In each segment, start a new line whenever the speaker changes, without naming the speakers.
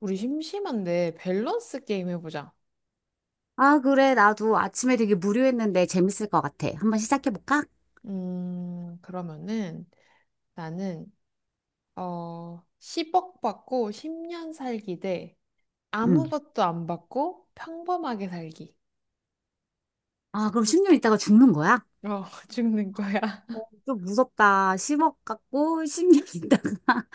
우리 심심한데 밸런스 게임 해보자.
아, 그래. 나도 아침에 되게 무료했는데 재밌을 것 같아. 한번 시작해볼까?
그러면은 나는 10억 받고 10년 살기 대
응.
아무것도 안 받고 평범하게 살기.
아, 그럼 10년 있다가 죽는 거야?
어, 죽는 거야.
어, 좀 무섭다. 10억 갖고 10년 있다가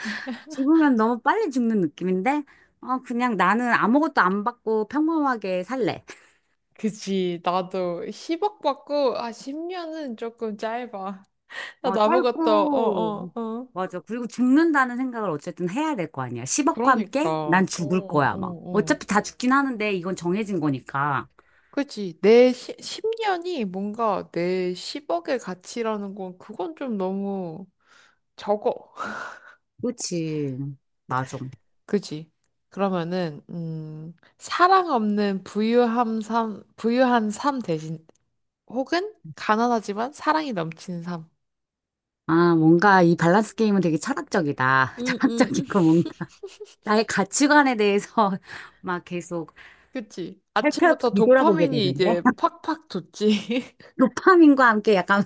죽으면 너무 빨리 죽는 느낌인데? 어, 그냥 나는 아무것도 안 받고 평범하게 살래.
그치. 나도 10억 받고 10년은 조금 짧아.
어,
나도 아무것도 어,
짧고,
어, 어.
맞아. 그리고 죽는다는 생각을 어쨌든 해야 될 거 아니야. 10억과
그러니까.
함께 난
어,
죽을
어,
거야, 막.
어.
어차피 다 죽긴 하는데 이건 정해진 거니까.
그치. 10년이 뭔가 내 10억의 가치라는 건 그건 좀 너무 적어.
그렇지. 맞아.
그지? 그러면은 사랑 없는 부유한 삶 대신 혹은 가난하지만 사랑이 넘치는 삶.
아, 뭔가 이 밸런스 게임은 되게 철학적이다.
음.
철학적이고 뭔가 나의 가치관에 대해서 막 계속
그치?
살펴
아침부터
뒤돌아보게
도파민이
되는데.
이제 팍팍 돋지.
도파민과 함께 약간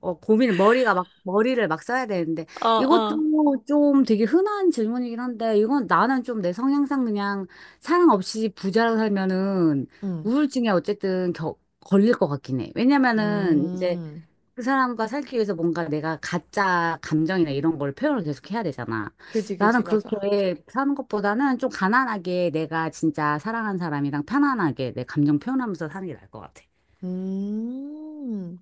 어, 고민, 머리가 막, 머리를 막 써야 되는데.
어,
이것도
어.
좀 되게 흔한 질문이긴 한데, 이건 나는 좀 내 성향상 그냥 사랑 없이 부자로 살면은
응.
우울증에 어쨌든 걸릴 것 같긴 해. 왜냐면은 이제
음.
그 사람과 살기 위해서 뭔가 내가 가짜 감정이나 이런 걸 표현을 계속 해야 되잖아.
그지, 그지,
나는
맞아.
그렇게 사는 것보다는 좀 가난하게 내가 진짜 사랑하는 사람이랑 편안하게 내 감정 표현하면서 사는 게 나을 것 같아.
음.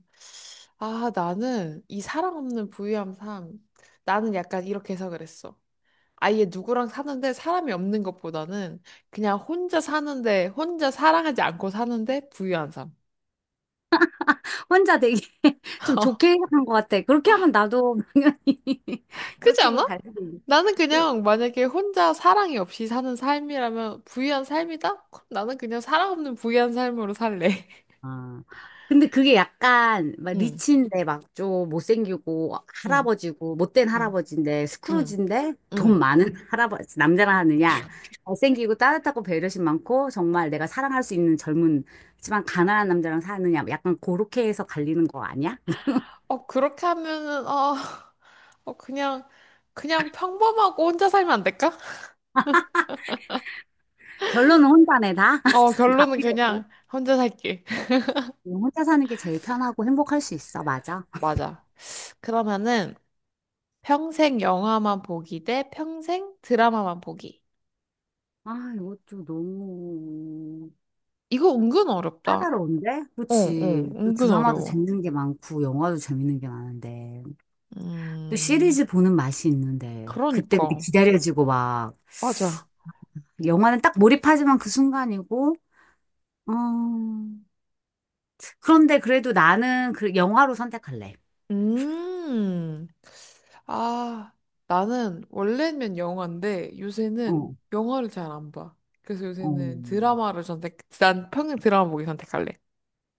아, 나는 이 사랑 없는 부유함 삶. 나는 약간 이렇게 해서 그랬어. 아예 누구랑 사는데 사람이 없는 것보다는 그냥 혼자 사는데 혼자 사랑하지 않고 사는데 부유한 삶.
혼자 되게 좀 좋게 생각한 것 같아. 그렇게 하면 나도 당연히
그렇지
그렇게
않아?
갈 수도 있
나는 그냥 만약에 혼자 사랑이 없이 사는 삶이라면 부유한 삶이다? 그럼 나는 그냥 사랑 없는 부유한 삶으로 살래.
아, 근데 그게 약간 막
응,
리치인데 막 좀 못생기고
응,
할아버지고 못된
응,
할아버지인데
응,
스크루지인데 돈
응.
많은 할아버지 남자라 하느냐 잘생기고 따뜻하고 배려심 많고 정말 내가 사랑할 수 있는 젊은지만 가난한 남자랑 사느냐 뭐 약간 그렇게 해서 갈리는 거 아니야?
어, 그렇게 하면은, 어, 어, 그냥 평범하고 혼자 살면 안 될까?
결론은 혼자네 다.
어,
다
결론은
필요고.
그냥 혼자 살게.
혼자 사는 게 제일 편하고 행복할 수 있어. 맞아.
맞아. 그러면은, 평생 영화만 보기 대 평생 드라마만 보기.
아, 이것도 너무
이거 은근 어렵다.
까다로운데?
어, 어,
그치. 또
은근
드라마도
어려워.
재밌는 게 많고, 영화도 재밌는 게 많은데. 또
음,
시리즈 보는 맛이 있는데. 그때그때
그러니까.
기다려지고 막.
맞아.
영화는 딱 몰입하지만 그 순간이고. 음. 그런데 그래도 나는 그 영화로 선택할래.
음, 아, 나는 원래는 영화인데 요새는
어,
영화를 잘 안 봐. 그래서
어.
요새는 드라마를 선택, 난 평생 드라마 보기 선택할래.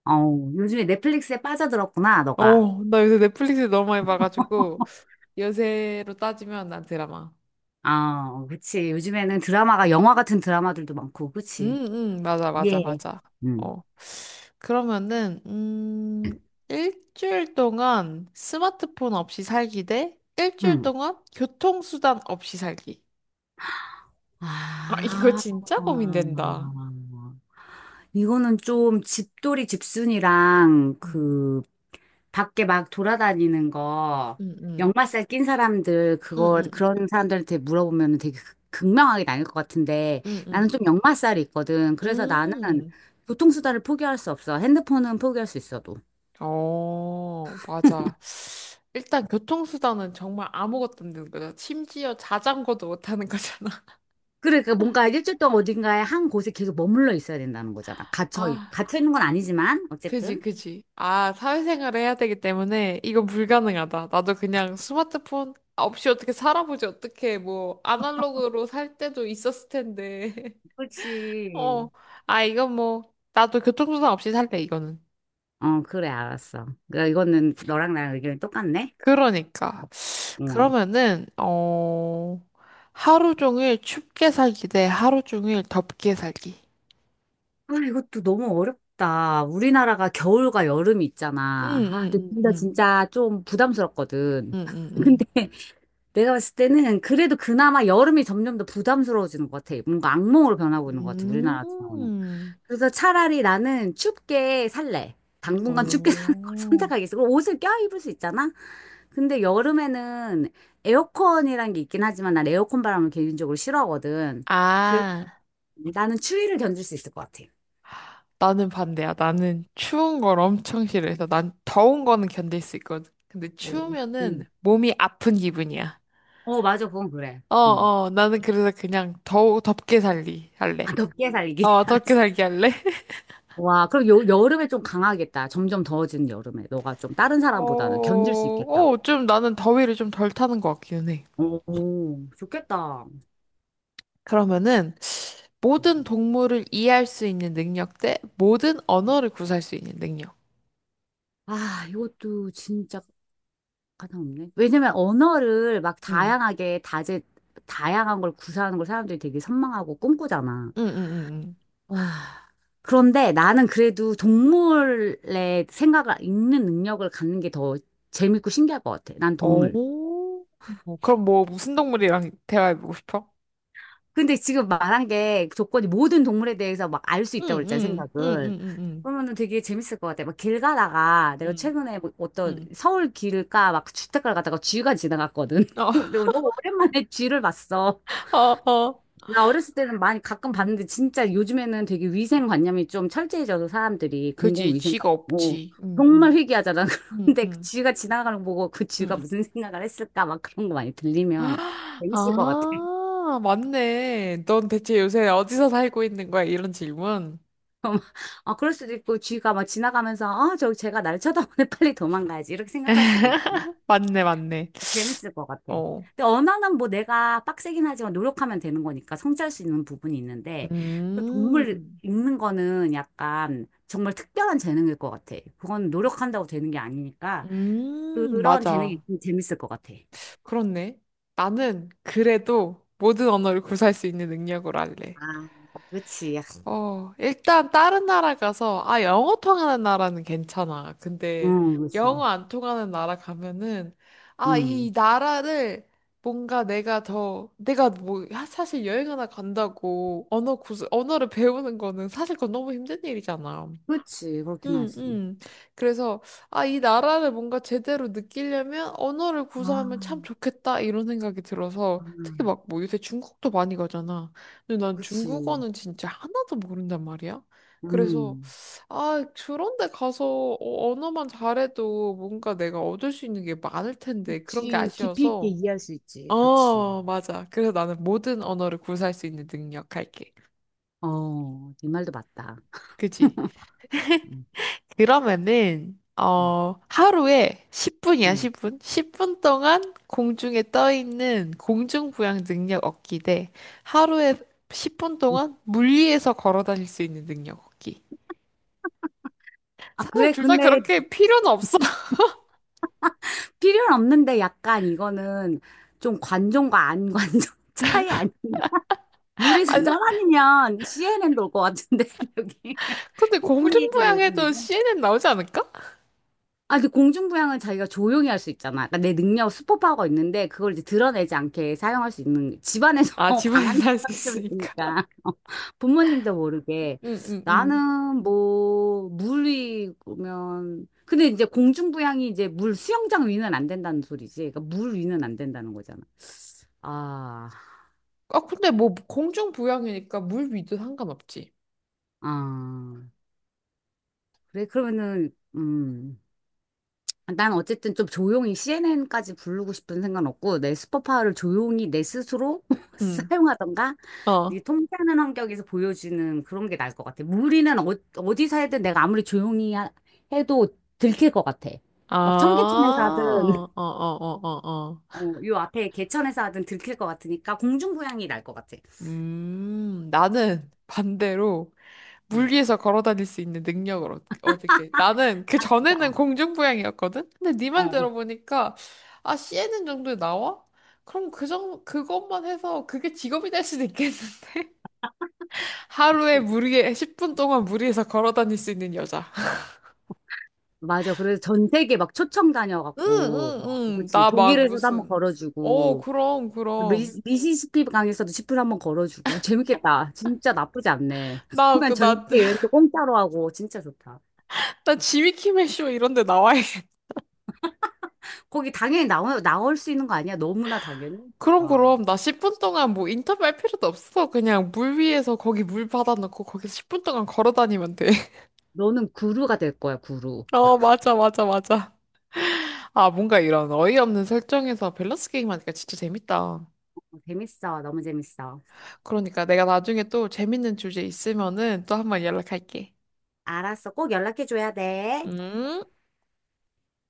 어, 요즘에 넷플릭스에 빠져들었구나, 너가.
어, 나 요새 넷플릭스 너무 많이 봐가지고, 요새로 따지면 난 드라마.
아, 그치. 요즘에는 드라마가, 영화 같은 드라마들도 많고, 그치.
맞아, 맞아,
예.
맞아.
응.
어. 그러면은, 일주일 동안 스마트폰 없이 살기 대 일주일
응.
동안 교통수단 없이 살기. 아, 이거
아.
진짜 고민된다.
이거는 좀 집돌이 집순이랑
음,
그 밖에 막 돌아다니는 거
음, 음,
역마살 낀 사람들
음,
그거
음,
그런 사람들한테 물어보면 되게 극명하게 나뉠 것 같은데
음,
나는
음.
좀 역마살이 있거든. 그래서 나는
음. 음.
교통수단을 포기할 수 없어. 핸드폰은 포기할 수 있어도.
어, 맞아. 일단 교통수단은 정말 아무것도 없는 거잖아. 심지어 자전거도 못 타는 거잖아.
그래, 그러니까 뭔가 일주일 동안 어딘가에 한 곳에 계속 머물러 있어야 된다는 거잖아. 갇혀
아.
갇혀 있는 건 아니지만
그지,
어쨌든.
그지. 아, 사회생활을 해야 되기 때문에 이건 불가능하다. 나도 그냥 스마트폰 없이 어떻게 살아보지, 어떻게 뭐, 아날로그로 살 때도 있었을 텐데. 어,
그렇지.
아, 이건 뭐, 나도 교통수단 없이 살래, 이거는.
어, 그래, 알았어. 그러니까 이거는 너랑 나랑 의견이 똑같네.
그러니까.
어.
그러면은, 어, 하루 종일 춥게 살기 대 하루 종일 덥게 살기.
아, 이것도 너무 어렵다. 우리나라가 겨울과 여름이
응,
있잖아. 아, 근데
응,
둘다
응,
진짜 좀 부담스럽거든.
응, 응, 응,
근데 내가 봤을 때는 그래도 그나마 여름이 점점 더 부담스러워지는 것 같아. 뭔가 악몽으로 변하고 있는 것 같아, 우리나라
응.
같은 경우는. 그래서 차라리 나는 춥게 살래. 당분간 춥게 사는 걸
오.
선택하겠어. 그럼 옷을 껴입을 수 있잖아? 근데 여름에는 에어컨이란 게 있긴 하지만 난 에어컨 바람을 개인적으로 싫어하거든. 그래서
아.
나는 추위를 견딜 수 있을 것 같아.
나는 반대야. 나는 추운 걸 엄청 싫어해서 난 더운 거는 견딜 수 있거든. 근데
오.
추우면은 몸이 아픈 기분이야.
어, 맞아. 그건 그래.
어,
음.
어, 나는 그래서 그냥 더 덥게
아,
할래.
덥게 살기.
어, 덥게 살기 할래?
와, 그럼 여름에 좀 강하겠다. 점점 더워지는 여름에. 너가 좀 다른 사람보다는
어,
견딜 수 있겠다.
어, 좀 나는 더위를 좀 덜 타는 것 같기는 해.
오, 오, 좋겠다.
그러면은
음.
모든 동물을 이해할 수 있는 능력 대 모든 언어를 구사할 수 있는 능력.
아, 이것도 진짜 가장 없네. 왜냐면 언어를 막
응,
다양하게 다양한 걸 구사하는 걸 사람들이 되게 선망하고 꿈꾸잖아.
응, 응, 응, 응.
와. 그런데 나는 그래도 동물의 생각을 읽는 능력을 갖는 게 더 재밌고 신기할 것 같아. 난 동물.
오, 그럼 뭐 무슨 동물이랑 대화해보고 싶어?
근데 지금 말한 게 조건이 모든 동물에 대해서 막 알 수
응,
있다고 그랬잖아요,
응, 응, 응,
생각을.
응, 응,
그러면은 되게 재밌을 것 같아. 막 길 가다가 내가
응.
최근에 뭐 어떤
응
서울 길가 막 주택가를 가다가 쥐가 지나갔거든. 근데 너무 오랜만에 쥐를 봤어.
어, 어, 어.
나 어렸을 때는 많이 가끔 봤는데 진짜 요즘에는 되게 위생관념이 좀 철저해져서 사람들이
그지, 지가
공공위생관념. 어,
없지. 응,
정말
응,
희귀하잖아.
응,
근데 그
응,
쥐가 지나가는 거 보고 그 쥐가
응.
무슨 생각을 했을까 막 그런 거 많이 들리면
아,
재밌을 것 같아.
맞네. 넌 대체 요새 어디서 살고 있는 거야? 이런 질문.
아, 그럴 수도 있고, 쥐가 막 지나가면서, 아, 저, 쟤가 날 쳐다보네, 빨리 도망가야지. 이렇게 생각할 수도 있고.
맞네, 맞네.
재밌을 것 같아.
어.
근데 언어는 뭐 내가 빡세긴 하지만 노력하면 되는 거니까 성취할 수 있는 부분이 있는데, 또
음,
동물 읽는 거는 약간 정말 특별한 재능일 것 같아. 그건 노력한다고 되는 게 아니니까, 그런
맞아.
재능이 좀 재밌을 것 같아.
그렇네. 나는 그래도 모든 언어를 구사할 수 있는 능력으로 할래.
아, 그치.
어, 일단 다른 나라 가서, 아, 영어 통하는 나라는 괜찮아. 근데
응, 그치.
영어 안 통하는 나라 가면은, 아,
응.
이 나라를 뭔가 내가 더, 내가 뭐, 하- 사실 여행 하나 간다고 언어를 배우는 거는 사실 그건 너무 힘든 일이잖아.
그치, 그렇긴
음,
하지.
음. 그래서, 아, 이 나라를 뭔가 제대로 느끼려면 언어를
아,
구사하면 참 좋겠다, 이런 생각이
아,
들어서, 특히 막 뭐 요새 중국도 많이 가잖아. 근데 난
그치.
중국어는 진짜 하나도 모른단 말이야. 그래서,
음.
아, 그런 데 가서 언어만 잘해도 뭔가 내가 얻을 수 있는 게 많을 텐데, 그런 게
그치. 깊이 있게
아쉬워서.
이해할 수 있지. 그치.
어, 맞아. 그래서 나는 모든 언어를 구사할 수 있는 능력 할게.
어, 네 말도 맞다.
그지?
응,
그러면은,
응,
어, 하루에 10분이야,
응.
10분? 10분 동안 공중에 떠 있는 공중부양 능력 얻기 대 하루에 10분
응.
동안 물 위에서 걸어 다닐 수 있는 능력 얻기.
아,
사실
그래.
둘 다
근데
그렇게 필요는 없어.
필요는 없는데 약간 이거는 좀 관종과 안 관종 차이 아니 물에서
아니,
떠다니면 CNN도 올 것 같은데, 여기.
근데
10분이든
공중부양해도
5분이든.
CNN 나오지 않을까?
아, 근데 공중부양은 자기가 조용히 할 수 있잖아. 그러니까 내 능력, 슈퍼파워가 있는데 그걸 이제 드러내지 않게 사용할 수 있는 집안에서
아,
방 안에
집안에서 할 수
살면
있으니까.
되니까 어, 부모님도 모르게
응, 응, 응.
나는 뭐 물이 그러면 근데 이제 공중부양이 이제 물 수영장 위는 안 된다는 소리지. 그러니까 물 위는 안 된다는 거잖아. 아,
아, 근데 뭐 공중부양이니까 물 위도 상관없지.
아, 그래 그러면은 난 어쨌든 좀 조용히 CNN까지 부르고 싶은 생각은 없고 내 슈퍼파워를 조용히 내 스스로
응.
사용하던가 이
어.
통쾌하는 환경에서 보여지는 그런 게 나을 것 같아. 무리는 어, 어디서 해든 내가 아무리 조용히 해도 들킬 것 같아.
아,
막 청계천에서 하든
어, 어, 어, 어, 어.
어, 요 앞에 개천에서 하든 들킬 것 같으니까 공중부양이 날 것 같아.
나는 반대로
음.
물 위에서 걸어 다닐 수 있는 능력을 얻을게. 나는 그
아 진짜
전에는 공중부양이었거든? 근데 네
어.
말
어.
들어보니까, 아, CNN 정도에 나와? 그럼 그것만 해서 그게 직업이 될 수도 있겠는데? 하루에 10분 동안 물 위에서 걸어 다닐 수 있는 여자.
맞아. 그래서 전 세계 막 초청
응,
다녀갖고, 막,
응, 응.
그치.
나 막
독일에서도 한번
무슨. 어,
걸어주고,
그럼, 그럼.
미시시피 강에서도 지프를 한번 걸어주고 재밌겠다. 진짜 나쁘지 않네.
나,
그러면
그,
전
나,
세계 여행도 공짜로 하고 진짜 좋다.
나 지미키멜 쇼 이런 데 나와야
거기 당연히 나올 수 있는 거 아니야? 너무나 당연히.
그럼
와,
나 10분 동안 뭐 인터뷰할 필요도 없어. 그냥 물 위에서 거기 물 받아놓고 거기서 10분 동안 걸어 다니면 돼.
너는 구루가 될 거야, 구루.
어, 맞아, 맞아, 맞아. 아, 뭔가 이런 어이없는 설정에서 밸런스 게임 하니까 진짜 재밌다.
어, 재밌어, 너무 재밌어.
그러니까 내가 나중에 또 재밌는 주제 있으면은 또 한번 연락할게.
알았어, 꼭 연락해 줘야 돼.
음?